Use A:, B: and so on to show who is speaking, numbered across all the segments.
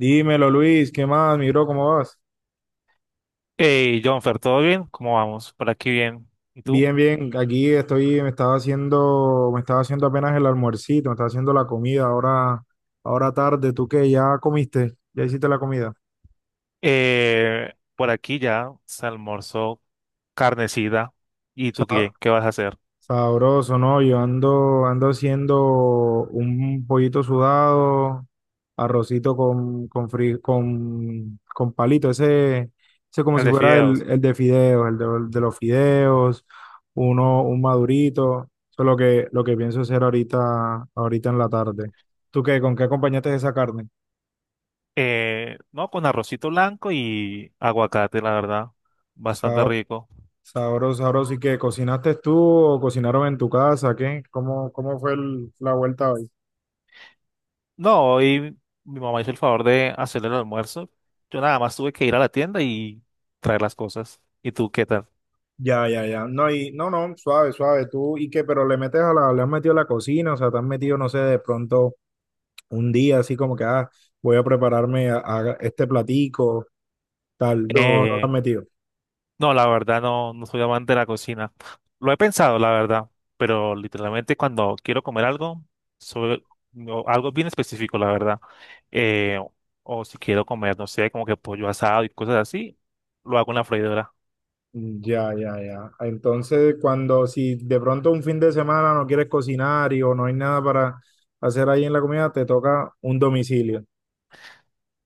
A: Dímelo, Luis, ¿qué más, mi bro? ¿Cómo vas?
B: Hey, Jonfer, ¿todo bien? ¿Cómo vamos? Por aquí bien. ¿Y tú?
A: Bien, bien, aquí estoy, me estaba haciendo apenas el almuercito, me estaba haciendo la comida, ahora tarde. ¿Tú qué? ¿Ya comiste? ¿Ya hiciste la comida?
B: Por aquí ya se almorzó carnecida. ¿Y tú qué? ¿Qué vas a hacer?
A: Sabroso, ¿no? Yo ando, ando haciendo un pollito sudado, arrocito con palito, ese como
B: El
A: si
B: de
A: fuera
B: fideos.
A: el de fideos, el de los fideos, uno, un madurito. Eso es lo que pienso hacer ahorita en la tarde. ¿Tú qué? ¿Con qué acompañaste esa carne?
B: No, con arrocito blanco y aguacate, la verdad. Bastante
A: Sa-
B: rico.
A: Sabroso, sabroso. ¿Y qué? ¿Cocinaste tú o cocinaron en tu casa? ¿Qué? Cómo fue el- la vuelta hoy?
B: No, hoy mi mamá hizo el favor de hacer el almuerzo. Yo nada más tuve que ir a la tienda y traer las cosas. ¿Y tú qué tal?
A: Ya, ya, ya. No, y no, no, suave, suave. Tú, ¿y qué? Pero le metes a la, le has metido a la cocina, o sea, te has metido, no sé, de pronto un día así como que, ah, voy a prepararme a este platico, tal. No, no lo has
B: Eh,
A: metido.
B: No, la verdad no, no soy amante de la cocina. Lo he pensado, la verdad, pero literalmente cuando quiero comer algo, sobre no, algo bien específico, la verdad. eh, o si quiero comer, no sé, como que pollo asado y cosas así, lo hago en la freidora.
A: Ya, ya, ya. Entonces, cuando, si de pronto un fin de semana no quieres cocinar y o no hay nada para hacer ahí en la comida, te toca un domicilio.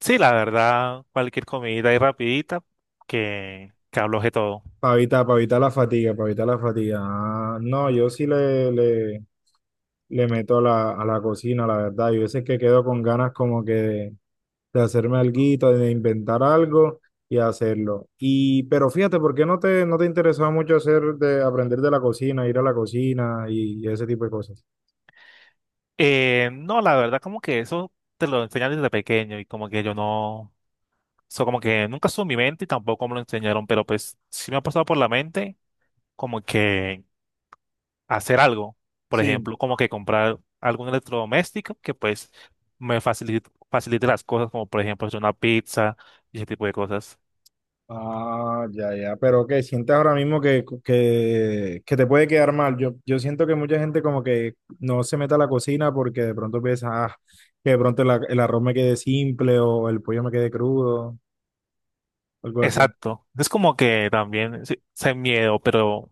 B: Sí, la verdad, cualquier comida y rapidita que abloje todo.
A: Para evitar la fatiga, para evitar la fatiga. Ah, no, yo sí le meto la, a la cocina, la verdad. Yo veces que quedo con ganas como que de hacerme alguito, de inventar algo y hacerlo. Y, pero fíjate, ¿por qué no te interesaba mucho hacer de aprender de la cocina, ir a la cocina y ese tipo de cosas?
B: No, la verdad, como que eso te lo enseñan desde pequeño y como que yo no, eso como que nunca estuvo en mi mente y tampoco me lo enseñaron, pero pues sí me ha pasado por la mente como que hacer algo. Por
A: Sí.
B: ejemplo, como que comprar algún electrodoméstico que pues me facilite, facilite las cosas, como por ejemplo hacer una pizza y ese tipo de cosas.
A: Ah, ya, ya, pero que sientes ahora mismo que te puede quedar mal. Yo siento que mucha gente como que no se mete a la cocina porque de pronto piensa, ah, que de pronto el, a- el arroz me quede simple o el pollo me quede crudo, algo así.
B: Exacto. Es como que también sí, sé miedo, pero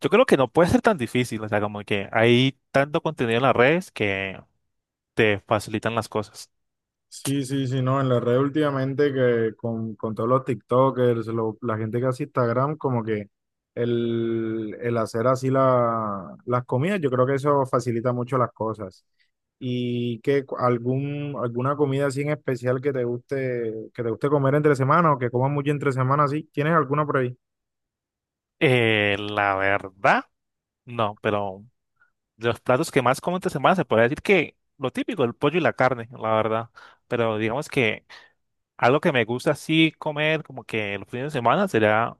B: yo creo que no puede ser tan difícil. O sea, como que hay tanto contenido en las redes que te facilitan las cosas.
A: Sí, sí, sí, no, en la red últimamente que con todos los TikTokers, lo- la gente que hace Instagram, como que el hacer así la, las comidas, yo creo que eso facilita mucho las cosas. ¿Y que algún, alguna comida así en especial que te guste comer entre semana o que comas mucho entre semana, así? ¿Tienes alguna por ahí?
B: La verdad, no, pero de los platos que más como esta semana se puede decir que lo típico, el pollo y la carne, la verdad. Pero digamos que algo que me gusta así comer como que los fines de semana sería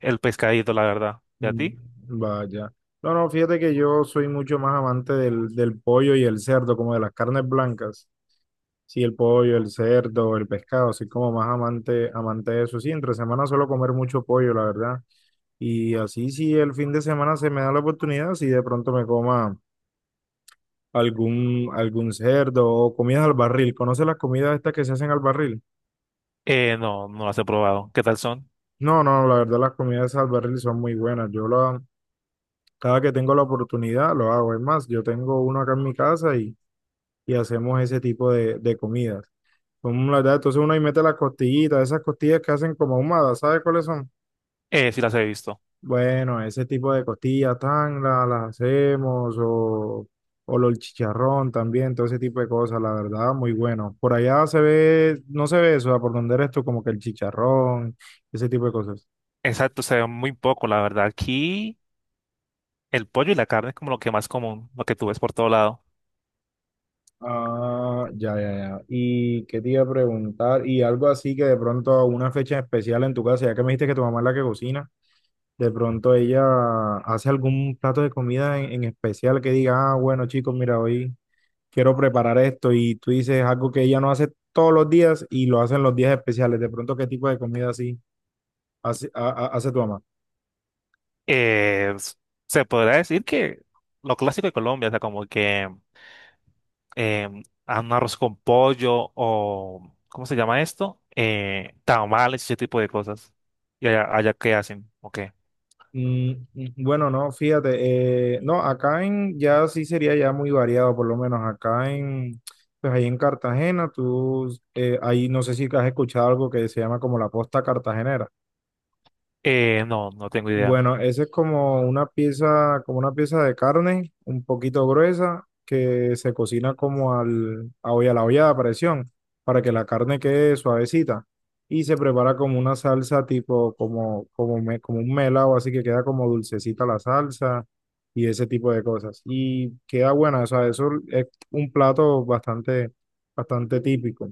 B: el pescadito, la verdad. ¿Y a
A: Mm.
B: ti?
A: Vaya. No, no, fíjate que yo soy mucho más amante del pollo y el cerdo, como de las carnes blancas. Sí, el pollo, el cerdo, el pescado, soy como más amante, amante de eso. Sí, entre semana suelo comer mucho pollo, la verdad. Y así si el fin de semana se me da la oportunidad, si de pronto me coma algún cerdo o comidas al barril. ¿Conoces las comidas estas que se hacen al barril?
B: No, no las he probado. ¿Qué tal son?
A: No, no, la verdad las comidas al barril son muy buenas. Yo la, cada que tengo la oportunidad lo hago. Es más, yo tengo uno acá en mi casa y hacemos ese tipo de comidas. Son, la verdad, entonces uno ahí mete las costillitas, esas costillas que hacen como ahumadas, ¿sabes cuáles son?
B: Sí las he visto.
A: Bueno, ese tipo de costillas tan la- las hacemos o lo- el chicharrón también, todo ese tipo de cosas, la verdad, muy bueno. Por allá se ve, no se ve eso, ¿a por donde eres tú, como que el chicharrón, ese tipo de cosas.
B: Exacto, se ve muy poco, la verdad. Aquí el pollo y la carne es como lo que más común, lo que tú ves por todo lado.
A: Ah, ya, ya, ya. ¿Y qué te iba a preguntar? Y algo así que de pronto a una fecha especial en tu casa, ya que me dijiste que tu mamá es la que cocina, de pronto ella hace algún plato de comida en especial que diga, ah, bueno, chicos, mira, hoy quiero preparar esto y tú dices algo que ella no hace todos los días y lo hacen los días especiales. De pronto, ¿qué tipo de comida así hace, a- hace tu mamá?
B: Eh, s- Se podrá decir que lo clásico de Colombia, o sea, como que a un arroz con pollo o, ¿cómo se llama esto? Tamales, ese tipo de cosas. ¿Y allá, allá qué hacen? Ok.
A: Mm, bueno, no, fíjate, no, acá en ya sí sería ya muy variado, por lo menos pues ahí en Cartagena, tú, ahí no sé si has escuchado algo que se llama como la posta cartagenera.
B: No, no tengo idea.
A: Bueno, esa es como una pieza de carne, un poquito gruesa, que se cocina como al, a olla, a la olla de presión, para que la carne quede suavecita. Y se prepara como una salsa tipo, me- como un melado, así que queda como dulcecita la salsa y ese tipo de cosas. Y queda buena, o sea, eso es un plato bastante, bastante típico.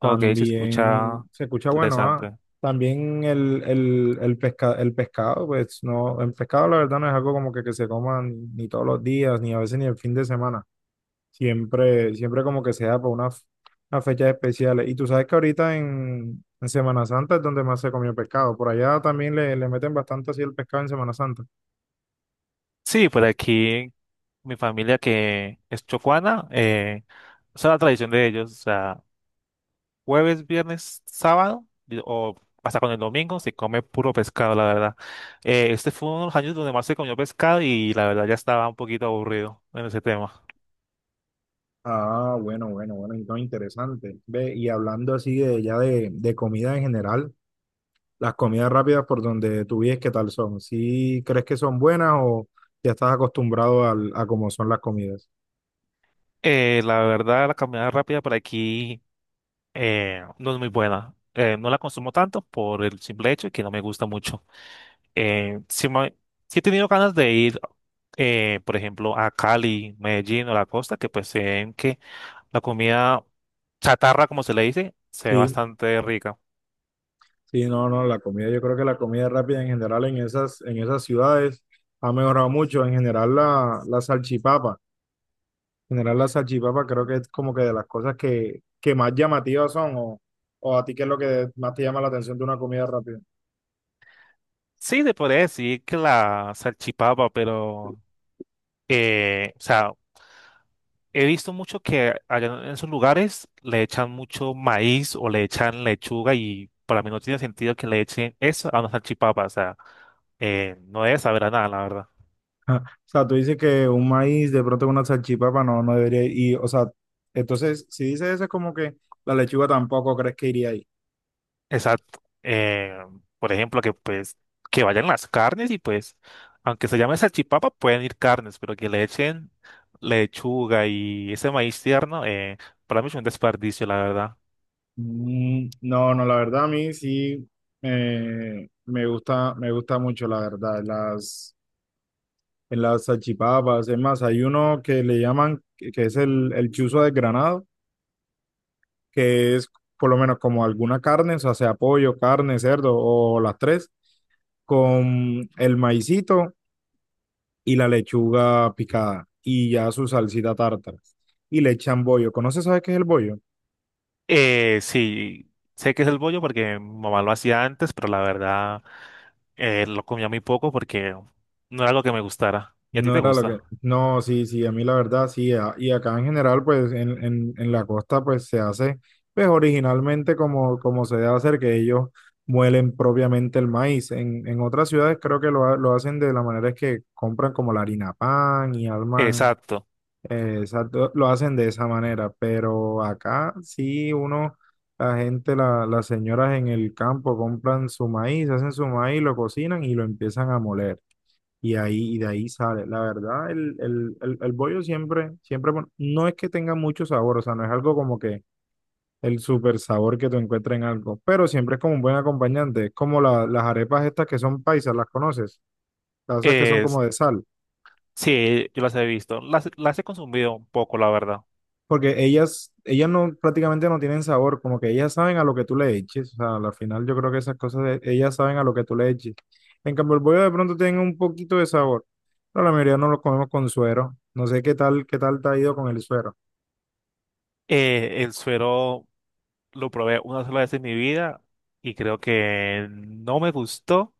B: Ok, se escucha
A: También se escucha bueno, ah.
B: interesante.
A: También pesca, el pescado, pues no, el pescado la verdad no es algo como que se coma ni, todos los días, ni a veces ni el fin de semana. Siempre, siempre como que sea para unas unas fechas especiales. Y tú sabes que ahorita en Semana Santa es donde más se comió pescado. Por allá también le meten bastante así el pescado en Semana Santa.
B: Sí, por aquí mi familia que es chocuana, esa es la tradición de ellos. O sea, jueves, viernes, sábado y- o hasta con el domingo se come puro pescado, la verdad. Este fue uno de los años donde más se comió pescado y la verdad ya estaba un poquito aburrido en ese tema.
A: Ah, bueno, bueno, bueno, entonces interesante. Ve, y hablando así de ya de comida en general. Las comidas rápidas por donde tú vives, ¿qué tal son? ¿Sí crees que son buenas o ya estás acostumbrado al- a cómo son las comidas?
B: La verdad, la caminada rápida por aquí no es muy buena. No la consumo tanto por el simple hecho de que no me gusta mucho. Eh, sí, me- sí he tenido ganas de ir, por ejemplo, a Cali, Medellín o la costa, que pues se ven que la comida chatarra, como se le dice, se ve
A: Sí,
B: bastante rica.
A: sí, no, no, la comida, yo creo que la comida rápida en general en esas ciudades ha mejorado mucho. En general la salchipapa creo que es como que de las cosas que más llamativas son o a ti qué es lo que más te llama la atención de una comida rápida.
B: Sí, te podría decir que la salchipapa, pero, o sea, he visto mucho que allá en esos lugares le echan mucho maíz o le echan lechuga y para mí no tiene sentido que le echen eso a una salchipapa. O sea, no debe saber a nada, la verdad.
A: Ah, o sea, tú dices que un maíz de pronto con una salchipapa no, no debería ir. Y, o sea, entonces, si dices eso es como que la lechuga tampoco crees que iría ahí.
B: Exacto. Por ejemplo, que pues que vayan las carnes y pues, aunque se llame salchipapa, pueden ir carnes, pero que le echen lechuga y ese maíz tierno, para mí es un desperdicio, la verdad.
A: Mm, no, no, la verdad a mí sí me gusta mucho, la verdad, las, en las salchipapas. Es más, hay uno que le llaman, que es el chuzo desgranado, que es por lo menos como alguna carne, o sea, sea pollo, carne, cerdo o las tres con el maicito y la lechuga picada y ya su salsita tártara. Y le echan bollo. ¿Conoces, sabes qué es el bollo?
B: Sí, sé que es el bollo porque mi mamá lo hacía antes, pero la verdad lo comía muy poco porque no era algo que me gustara. ¿Y a ti
A: No
B: te
A: era lo que...
B: gusta?
A: No, sí, sí, a mí la verdad, sí. a- Y acá en general, pues en, en la costa, pues se hace, pues originalmente como, como se debe hacer, que ellos muelen propiamente el maíz. En otras ciudades creo que lo, ha- lo hacen de la manera es que compran como la harina pan y arman.
B: Exacto.
A: Exacto, lo hacen de esa manera, pero acá sí uno, la gente, la- las señoras en el campo compran su maíz, hacen su maíz, lo cocinan y lo empiezan a moler. Y ahí, y de ahí sale. La verdad, el bollo siempre, siempre, bueno, no es que tenga mucho sabor, o sea, no es algo como que el super sabor que tú encuentras en algo, pero siempre es como un buen acompañante. Es como la- las arepas estas que son paisas, ¿las conoces? Las esas que son
B: Es,
A: como de sal.
B: sí, yo las he visto. Las he consumido un poco, la verdad.
A: Porque ellas no, prácticamente no tienen sabor, como que ellas saben a lo que tú le eches. O sea, al final yo creo que esas cosas, de- ellas saben a lo que tú le eches. En cambio, el bollo de pronto tiene un poquito de sabor, pero la mayoría no lo comemos con suero. No sé qué tal te ha ido con el suero.
B: El suero lo probé una sola vez en mi vida y creo que no me gustó,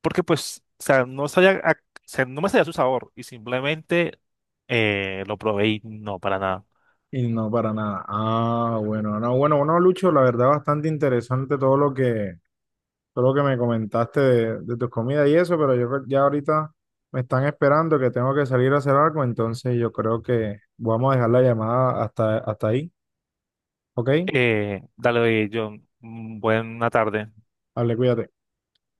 B: porque pues, o sea, no sabía, o sea, no me sabía su sabor y simplemente lo probé y no, para nada.
A: Y no, para nada. Ah, bueno, no, bueno, bueno, Lucho, la verdad bastante interesante todo lo que me comentaste de tus comidas y eso, pero yo creo- ya ahorita me están esperando que tengo que salir a hacer algo, entonces yo creo que vamos a dejar la llamada hasta, hasta ahí. ¿Ok?
B: Dale, John, mm, buena tarde.
A: Hable, cuídate.